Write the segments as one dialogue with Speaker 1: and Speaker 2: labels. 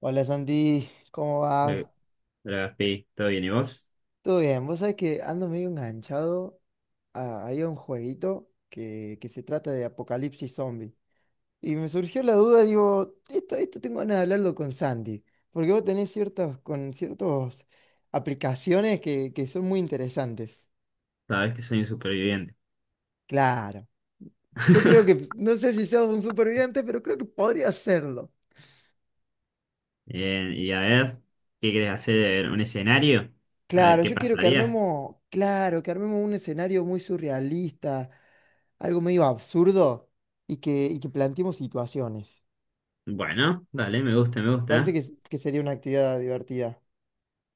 Speaker 1: Hola Santi, ¿cómo
Speaker 2: Hola,
Speaker 1: va?
Speaker 2: hola, Gaspi, ¿todo bien? ¿Y vos?
Speaker 1: ¿Todo bien? Vos sabés que ando medio enganchado ahí a un jueguito que se trata de apocalipsis zombie. Y me surgió la duda, digo, esto tengo ganas de hablarlo con Santi, porque vos tenés con ciertas aplicaciones que son muy interesantes.
Speaker 2: Sabés que soy un superviviente.
Speaker 1: Claro, yo creo no sé si seas un superviviente, pero creo que podría serlo.
Speaker 2: Bien, y a ver, ¿qué querés hacer? ¿Un escenario? A ver
Speaker 1: Claro,
Speaker 2: qué
Speaker 1: yo quiero que
Speaker 2: pasaría.
Speaker 1: claro, que armemos un escenario muy surrealista, algo medio absurdo y y que planteemos situaciones.
Speaker 2: Bueno, dale, me gusta, me
Speaker 1: Me parece
Speaker 2: gusta.
Speaker 1: que sería una actividad divertida.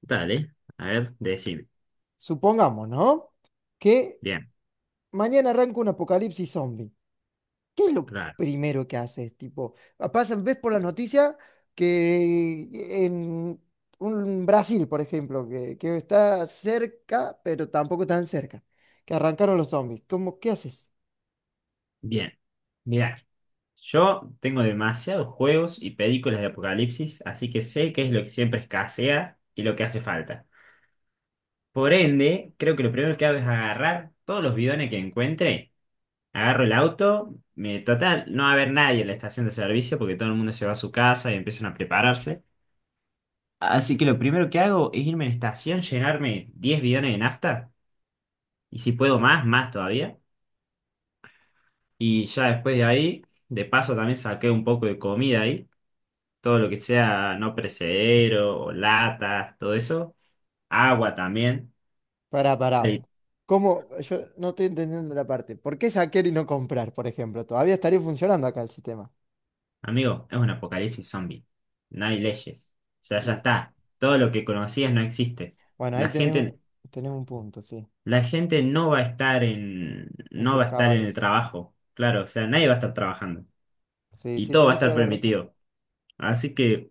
Speaker 2: Dale, a ver, decime.
Speaker 1: Supongamos, ¿no? que
Speaker 2: Bien,
Speaker 1: mañana arranca un apocalipsis zombie. ¿Qué es lo
Speaker 2: claro.
Speaker 1: primero que haces? Tipo, pasan, ves por las noticias que en un Brasil, por ejemplo, que está cerca, pero tampoco tan cerca, que arrancaron los zombies. ¿Cómo, qué haces?
Speaker 2: Bien, mirá. Yo tengo demasiados juegos y películas de apocalipsis, así que sé qué es lo que siempre escasea y lo que hace falta. Por ende, creo que lo primero que hago es agarrar todos los bidones que encuentre. Agarro el auto, total, no va a haber nadie en la estación de servicio porque todo el mundo se va a su casa y empiezan a prepararse. Así que lo primero que hago es irme a la estación, llenarme 10 bidones de nafta, y si puedo más, más todavía. Y ya después de ahí, de paso también saqué un poco de comida ahí, todo lo que sea no perecedero o latas, todo eso. Agua también.
Speaker 1: Pará, pará.
Speaker 2: Sí,
Speaker 1: ¿Cómo? Yo no estoy entendiendo la parte. ¿Por qué saquear y no comprar, por ejemplo? Todavía estaría funcionando acá el sistema.
Speaker 2: amigo, es un apocalipsis zombie. No hay leyes. O sea, ya
Speaker 1: Sí.
Speaker 2: está. Todo lo que conocías no existe.
Speaker 1: Bueno, ahí
Speaker 2: La
Speaker 1: tenés,
Speaker 2: gente.
Speaker 1: tenés un punto, sí.
Speaker 2: La gente no va a estar en,
Speaker 1: En
Speaker 2: no va
Speaker 1: sus
Speaker 2: a estar en el
Speaker 1: cabales.
Speaker 2: trabajo, claro, o sea, nadie va a estar trabajando
Speaker 1: Sí,
Speaker 2: y
Speaker 1: sí,
Speaker 2: todo va a
Speaker 1: tenés
Speaker 2: estar
Speaker 1: toda la razón.
Speaker 2: permitido. Así que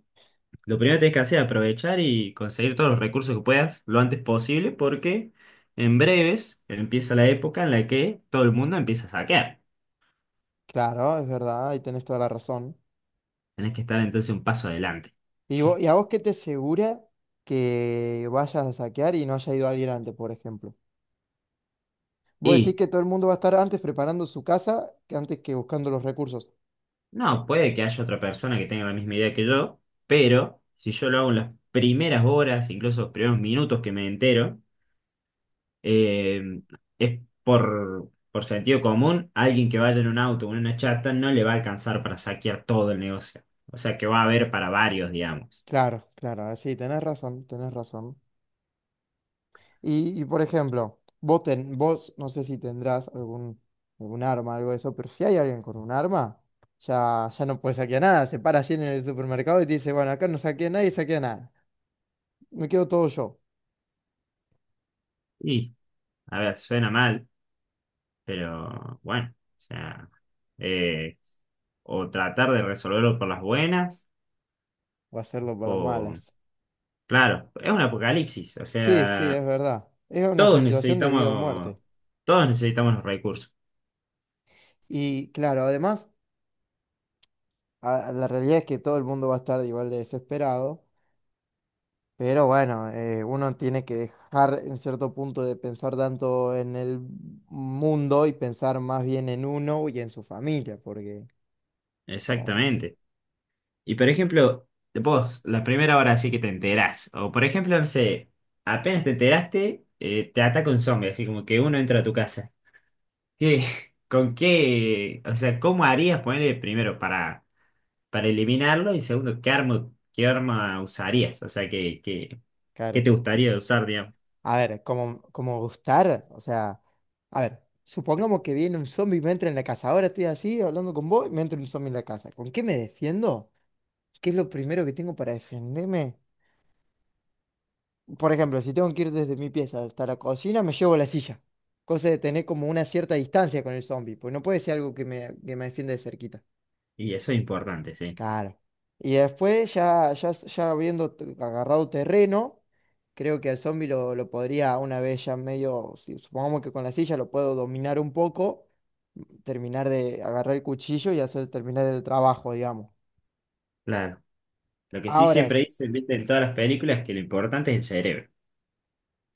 Speaker 2: lo primero que tienes que hacer es aprovechar y conseguir todos los recursos que puedas lo antes posible porque en breves empieza la época en la que todo el mundo empieza a saquear.
Speaker 1: Claro, es verdad, ahí tenés toda la razón.
Speaker 2: Tenés que estar entonces un paso adelante.
Speaker 1: ¿Y a vos qué te asegura que vayas a saquear y no haya ido alguien antes, por ejemplo? Vos decís
Speaker 2: Y
Speaker 1: que todo el mundo va a estar antes preparando su casa que antes que buscando los recursos.
Speaker 2: no, puede que haya otra persona que tenga la misma idea que yo, pero si yo lo hago en las primeras horas, incluso los primeros minutos que me entero, eh, es por, sentido común, alguien que vaya en un auto o en una chata no le va a alcanzar para saquear todo el negocio. O sea que va a haber para varios, digamos.
Speaker 1: Claro, claro, sí, tenés razón, tenés razón. Y, por ejemplo, vos no sé si tendrás algún arma, algo de eso, pero si hay alguien con un arma, ya, ya no puede saquear nada. Se para allí en el supermercado y te dice, bueno, acá no saquea nadie, saquea nada. Me quedo todo yo.
Speaker 2: Y, a ver, suena mal, pero bueno, o sea, eh, o tratar de resolverlo por las buenas,
Speaker 1: O hacerlo por las
Speaker 2: o,
Speaker 1: malas.
Speaker 2: claro, es un apocalipsis, o
Speaker 1: Sí, sí,
Speaker 2: sea,
Speaker 1: es verdad. Es una
Speaker 2: todos
Speaker 1: situación de vida o
Speaker 2: necesitamos,
Speaker 1: muerte.
Speaker 2: todos necesitamos los recursos.
Speaker 1: Y claro, además, la realidad es que todo el mundo va a estar igual de desesperado. Pero bueno, uno tiene que dejar en cierto punto de pensar tanto en el mundo y pensar más bien en uno y en su familia, porque, como,
Speaker 2: Exactamente. Y por ejemplo, vos, la primera hora así que te enterás, o por ejemplo, no sé, apenas te enteraste, te ataca un zombie, así como que uno entra a tu casa. ¿Qué, con qué, o sea, cómo harías ponerle primero para, eliminarlo y segundo, qué arma usarías? O sea, qué, qué, qué
Speaker 1: claro,
Speaker 2: te gustaría usar, digamos.
Speaker 1: a ver, como gustar, o sea, a ver, supongamos que viene un zombie y me entra en la casa, ahora estoy así hablando con vos y me entra un zombie en la casa, ¿con qué me defiendo? ¿Qué es lo primero que tengo para defenderme? Por ejemplo, si tengo que ir desde mi pieza hasta la cocina, me llevo la silla. Cosa de tener como una cierta distancia con el zombie, pues no puede ser algo que me, defiende de cerquita.
Speaker 2: Y eso es importante, sí.
Speaker 1: Claro. Y después, ya habiendo agarrado terreno, creo que al zombie lo podría una vez ya medio, supongamos que con la silla lo puedo dominar un poco, terminar de agarrar el cuchillo y hacer terminar el trabajo, digamos.
Speaker 2: Claro. Lo que sí
Speaker 1: Ahora,
Speaker 2: siempre dicen, viste, en todas las películas, que lo importante es el cerebro.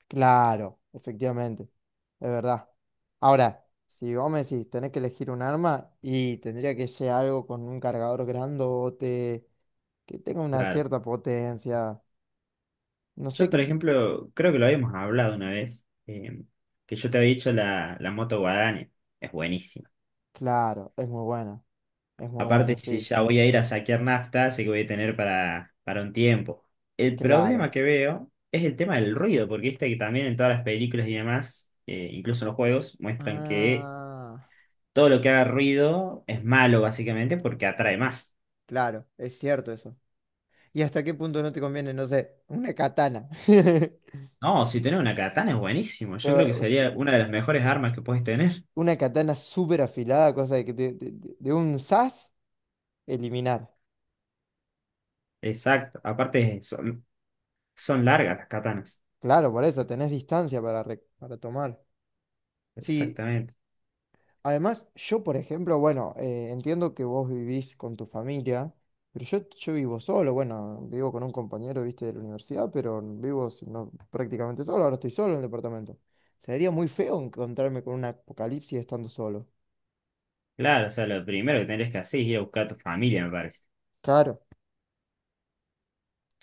Speaker 1: claro, efectivamente, es verdad. Ahora, si vos me decís, tenés que elegir un arma y tendría que ser algo con un cargador grandote, que tenga una
Speaker 2: Claro.
Speaker 1: cierta potencia. No sé
Speaker 2: Yo, por
Speaker 1: qué...
Speaker 2: ejemplo, creo que lo habíamos hablado una vez, que yo te había dicho la, moto guadaña. Es buenísima.
Speaker 1: Claro, es muy
Speaker 2: Aparte,
Speaker 1: buena,
Speaker 2: si
Speaker 1: sí.
Speaker 2: ya voy a ir a saquear nafta, sé que voy a tener para, un tiempo. El problema
Speaker 1: Claro.
Speaker 2: que veo es el tema del ruido, porque viste que también en todas las películas y demás, incluso en los juegos, muestran que
Speaker 1: Ah,
Speaker 2: todo lo que haga ruido es malo, básicamente, porque atrae más.
Speaker 1: claro, es cierto eso. ¿Y hasta qué punto no te conviene, no sé, una katana?
Speaker 2: No, si tenés una katana es buenísimo. Yo creo que
Speaker 1: Es
Speaker 2: sería una de las mejores armas que puedes tener.
Speaker 1: Una katana súper afilada, cosa de que de un sas, eliminar.
Speaker 2: Exacto. Aparte, son, largas las katanas.
Speaker 1: Claro, por eso tenés distancia para tomar. Sí,
Speaker 2: Exactamente.
Speaker 1: además, yo, por ejemplo, bueno, entiendo que vos vivís con tu familia, pero yo vivo solo, bueno, vivo con un compañero, viste, de la universidad, pero vivo si no, prácticamente solo, ahora estoy solo en el departamento. Sería muy feo encontrarme con un apocalipsis estando solo.
Speaker 2: Claro, o sea, lo primero que tendrías que hacer es ir a buscar a tu familia, me parece.
Speaker 1: Claro.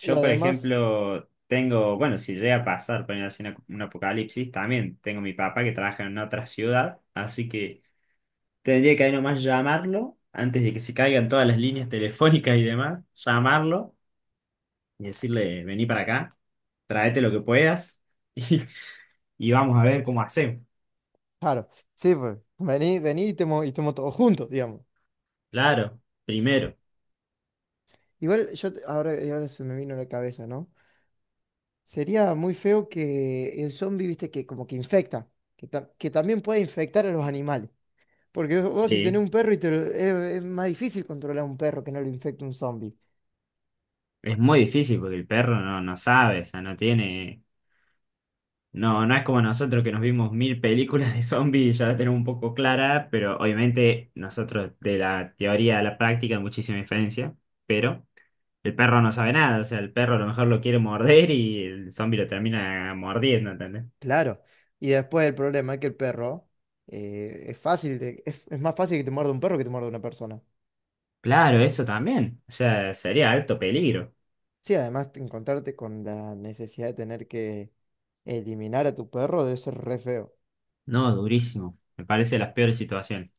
Speaker 1: Y
Speaker 2: por
Speaker 1: además,
Speaker 2: ejemplo, tengo, bueno, si llega a pasar, poner así un apocalipsis, también tengo mi papá que trabaja en otra ciudad, así que tendría que ahí nomás llamarlo antes de que se caigan todas las líneas telefónicas y demás, llamarlo y decirle, vení para acá, tráete lo que puedas y, y vamos a ver cómo hacemos.
Speaker 1: claro, sí, pues, vení, vení y y estemos todos juntos, digamos.
Speaker 2: Claro, primero.
Speaker 1: Igual yo, ahora se me vino a la cabeza, ¿no? Sería muy feo que el zombie, viste, que como que infecta, que también puede infectar a los animales. Porque vos si tenés
Speaker 2: Sí,
Speaker 1: un perro y es más difícil controlar a un perro que no lo infecte un zombie.
Speaker 2: es muy difícil porque el perro no, no sabe, o sea, no tiene. No, no es como nosotros que nos vimos mil películas de zombies y ya la tenemos un poco clara, pero obviamente nosotros de la teoría a la práctica hay muchísima diferencia, pero el perro no sabe nada, o sea, el perro a lo mejor lo quiere morder y el zombie lo termina mordiendo, ¿entendés?
Speaker 1: Claro. Y después el problema es que el perro es fácil, es más fácil que te muerda un perro que te muerda una persona.
Speaker 2: Claro, eso también, o sea, sería alto peligro.
Speaker 1: Sí, además encontrarte con la necesidad de tener que eliminar a tu perro debe ser re feo.
Speaker 2: No, durísimo, me parece de las peores situaciones.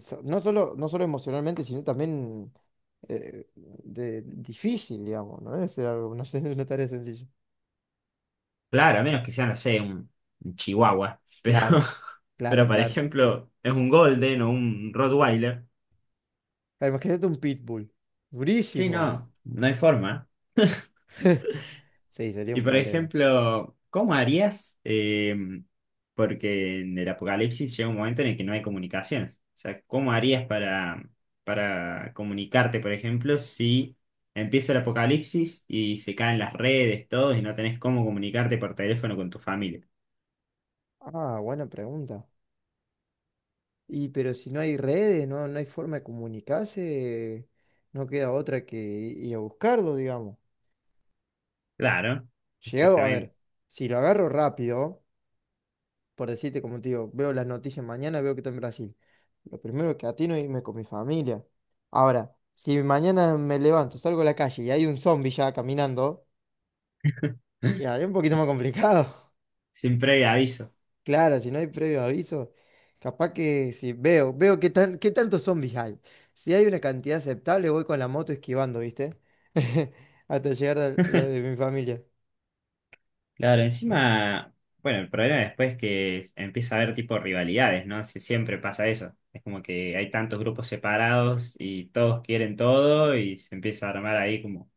Speaker 1: No solo emocionalmente, sino también difícil, digamos, ¿no? Es algo, no sé, una tarea sencilla.
Speaker 2: Claro, a menos que sea, no sé, un, chihuahua, pero,
Speaker 1: Claro, claro,
Speaker 2: pero por
Speaker 1: claro.
Speaker 2: ejemplo, es un golden o un rottweiler.
Speaker 1: Ah, imagínate un pitbull.
Speaker 2: Sí,
Speaker 1: Durísimo.
Speaker 2: no, no hay forma.
Speaker 1: Sí, sería
Speaker 2: Y
Speaker 1: un
Speaker 2: por
Speaker 1: problema.
Speaker 2: ejemplo, ¿cómo harías? Porque en el apocalipsis llega un momento en el que no hay comunicaciones. O sea, ¿cómo harías para, comunicarte, por ejemplo, si empieza el apocalipsis y se caen las redes, todo, y no tenés cómo comunicarte por teléfono con tu familia?
Speaker 1: Ah, buena pregunta. Y pero si no hay redes, no hay forma de comunicarse, no queda otra que ir a buscarlo, digamos.
Speaker 2: Claro,
Speaker 1: Llegado, a
Speaker 2: exactamente.
Speaker 1: ver, si lo agarro rápido. Por decirte, como te digo, veo las noticias mañana, veo que está en Brasil. Lo primero que atino es irme con mi familia. Ahora, si mañana me levanto, salgo a la calle y hay un zombie ya caminando, ya es un poquito más complicado.
Speaker 2: Sin previo aviso.
Speaker 1: Claro, si no hay previo aviso, capaz que si veo qué tantos zombies hay. Si hay una cantidad aceptable, voy con la moto esquivando, ¿viste? Hasta llegar a lo de mi familia.
Speaker 2: Claro, encima, bueno, el problema después es que empieza a haber tipo rivalidades, ¿no? Si siempre pasa eso. Es como que hay tantos grupos separados y todos quieren todo y se empieza a armar ahí como,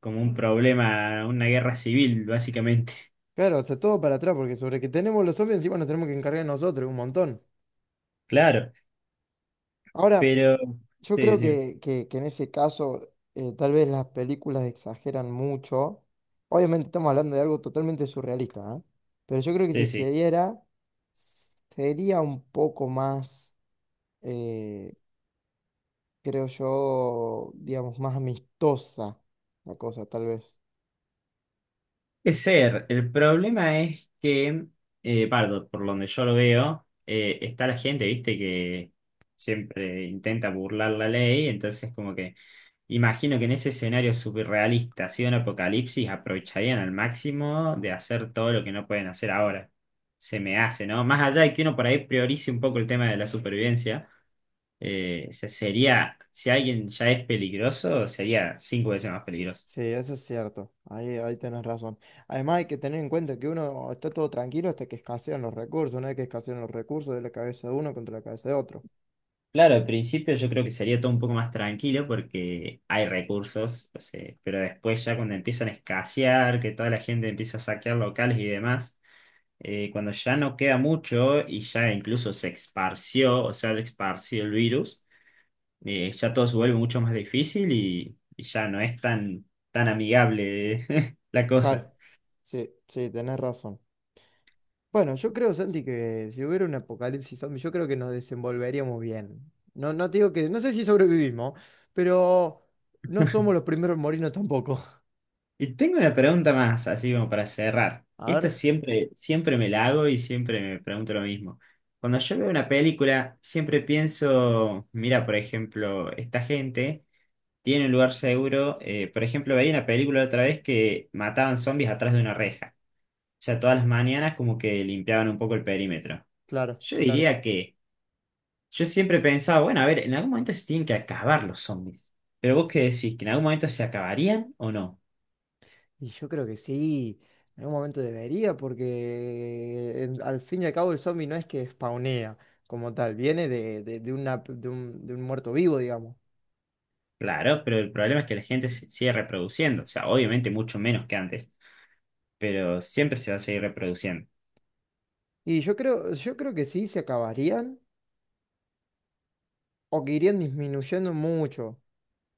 Speaker 2: como un problema, una guerra civil, básicamente.
Speaker 1: Claro, o sea, todo para atrás, porque sobre que tenemos los zombies encima nos tenemos que encargar nosotros, un montón.
Speaker 2: Claro,
Speaker 1: Ahora,
Speaker 2: pero
Speaker 1: yo
Speaker 2: sí,
Speaker 1: creo
Speaker 2: decime.
Speaker 1: que en ese caso tal vez las películas exageran mucho. Obviamente estamos hablando de algo totalmente surrealista, ¿eh? Pero yo creo que
Speaker 2: Sí,
Speaker 1: si
Speaker 2: sí.
Speaker 1: se diera, sería un poco más, eh, creo yo, digamos, más amistosa la cosa, tal vez.
Speaker 2: Es ser, el problema es que, Pardo, por donde yo lo veo, está la gente, viste, que siempre intenta burlar la ley, entonces como que. Imagino que en ese escenario surrealista, si de un apocalipsis, aprovecharían al máximo de hacer todo lo que no pueden hacer ahora. Se me hace, ¿no? Más allá de que uno por ahí priorice un poco el tema de la supervivencia, sería, si alguien ya es peligroso, sería 5 veces más peligroso.
Speaker 1: Sí, eso es cierto. Ahí tenés razón. Además hay que tener en cuenta que uno está todo tranquilo hasta que escasean los recursos. Una vez que escasean los recursos, de la cabeza de uno contra la cabeza de otro.
Speaker 2: Claro, al principio yo creo que sería todo un poco más tranquilo porque hay recursos, o sea, pero después ya cuando empiezan a escasear, que toda la gente empieza a saquear locales y demás. Cuando ya no queda mucho y ya incluso se esparció, o sea, se esparció el virus, ya todo se vuelve mucho más difícil y ya no es tan, tan amigable la
Speaker 1: Claro,
Speaker 2: cosa.
Speaker 1: sí, sí, tenés razón. Bueno, yo creo, Santi, que si hubiera un apocalipsis zombie, yo creo que nos desenvolveríamos bien. No, no te digo no sé si sobrevivimos, pero no somos los primeros en morirnos tampoco.
Speaker 2: Y tengo una pregunta más, así como para cerrar. Y
Speaker 1: A
Speaker 2: esta
Speaker 1: ver,
Speaker 2: siempre, siempre me la hago y siempre me pregunto lo mismo. Cuando yo veo una película, siempre pienso, mira, por ejemplo, esta gente tiene un lugar seguro. Por ejemplo, veía una película otra vez que mataban zombies atrás de una reja. O sea, todas las mañanas como que limpiaban un poco el perímetro.
Speaker 1: claro,
Speaker 2: Yo
Speaker 1: claro.
Speaker 2: diría que yo siempre pensaba, bueno, a ver, en algún momento se tienen que acabar los zombies. Pero vos qué decís, que en algún momento se acabarían o no.
Speaker 1: Y yo creo que sí, en algún momento debería, porque al fin y al cabo el zombie no es que spawnea como tal, viene de un muerto vivo, digamos.
Speaker 2: Claro, pero el problema es que la gente se sigue reproduciendo. O sea, obviamente mucho menos que antes, pero siempre se va a seguir reproduciendo.
Speaker 1: Y yo creo que sí se acabarían o que irían disminuyendo mucho.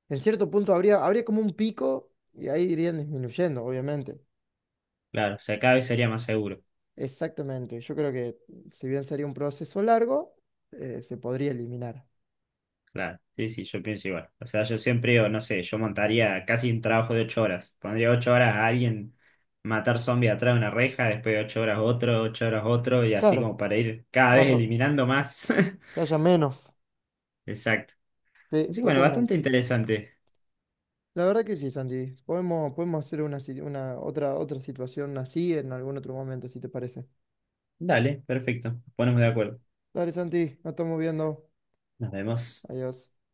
Speaker 1: En cierto punto habría como un pico y ahí irían disminuyendo, obviamente.
Speaker 2: Claro, o sea, cada vez sería más seguro.
Speaker 1: Exactamente. Yo creo que si bien sería un proceso largo, se podría eliminar.
Speaker 2: Claro, sí, sí, yo pienso igual. O sea, yo siempre, o no sé, yo montaría casi un trabajo de 8 horas. Pondría 8 horas a alguien matar zombies atrás de una reja, después 8 horas otro, 8 horas otro, y así
Speaker 1: Claro,
Speaker 2: como para ir cada vez
Speaker 1: barro,
Speaker 2: eliminando más.
Speaker 1: que haya menos.
Speaker 2: Exacto.
Speaker 1: Sí,
Speaker 2: Así que bueno,
Speaker 1: totalmente.
Speaker 2: bastante interesante.
Speaker 1: La verdad que sí, Santi. Podemos hacer una, si- una otra, otra situación así en algún otro momento, si te parece.
Speaker 2: Dale, perfecto. Nos Ponemos de acuerdo.
Speaker 1: Dale, Santi, nos estamos viendo.
Speaker 2: Nos vemos.
Speaker 1: Adiós.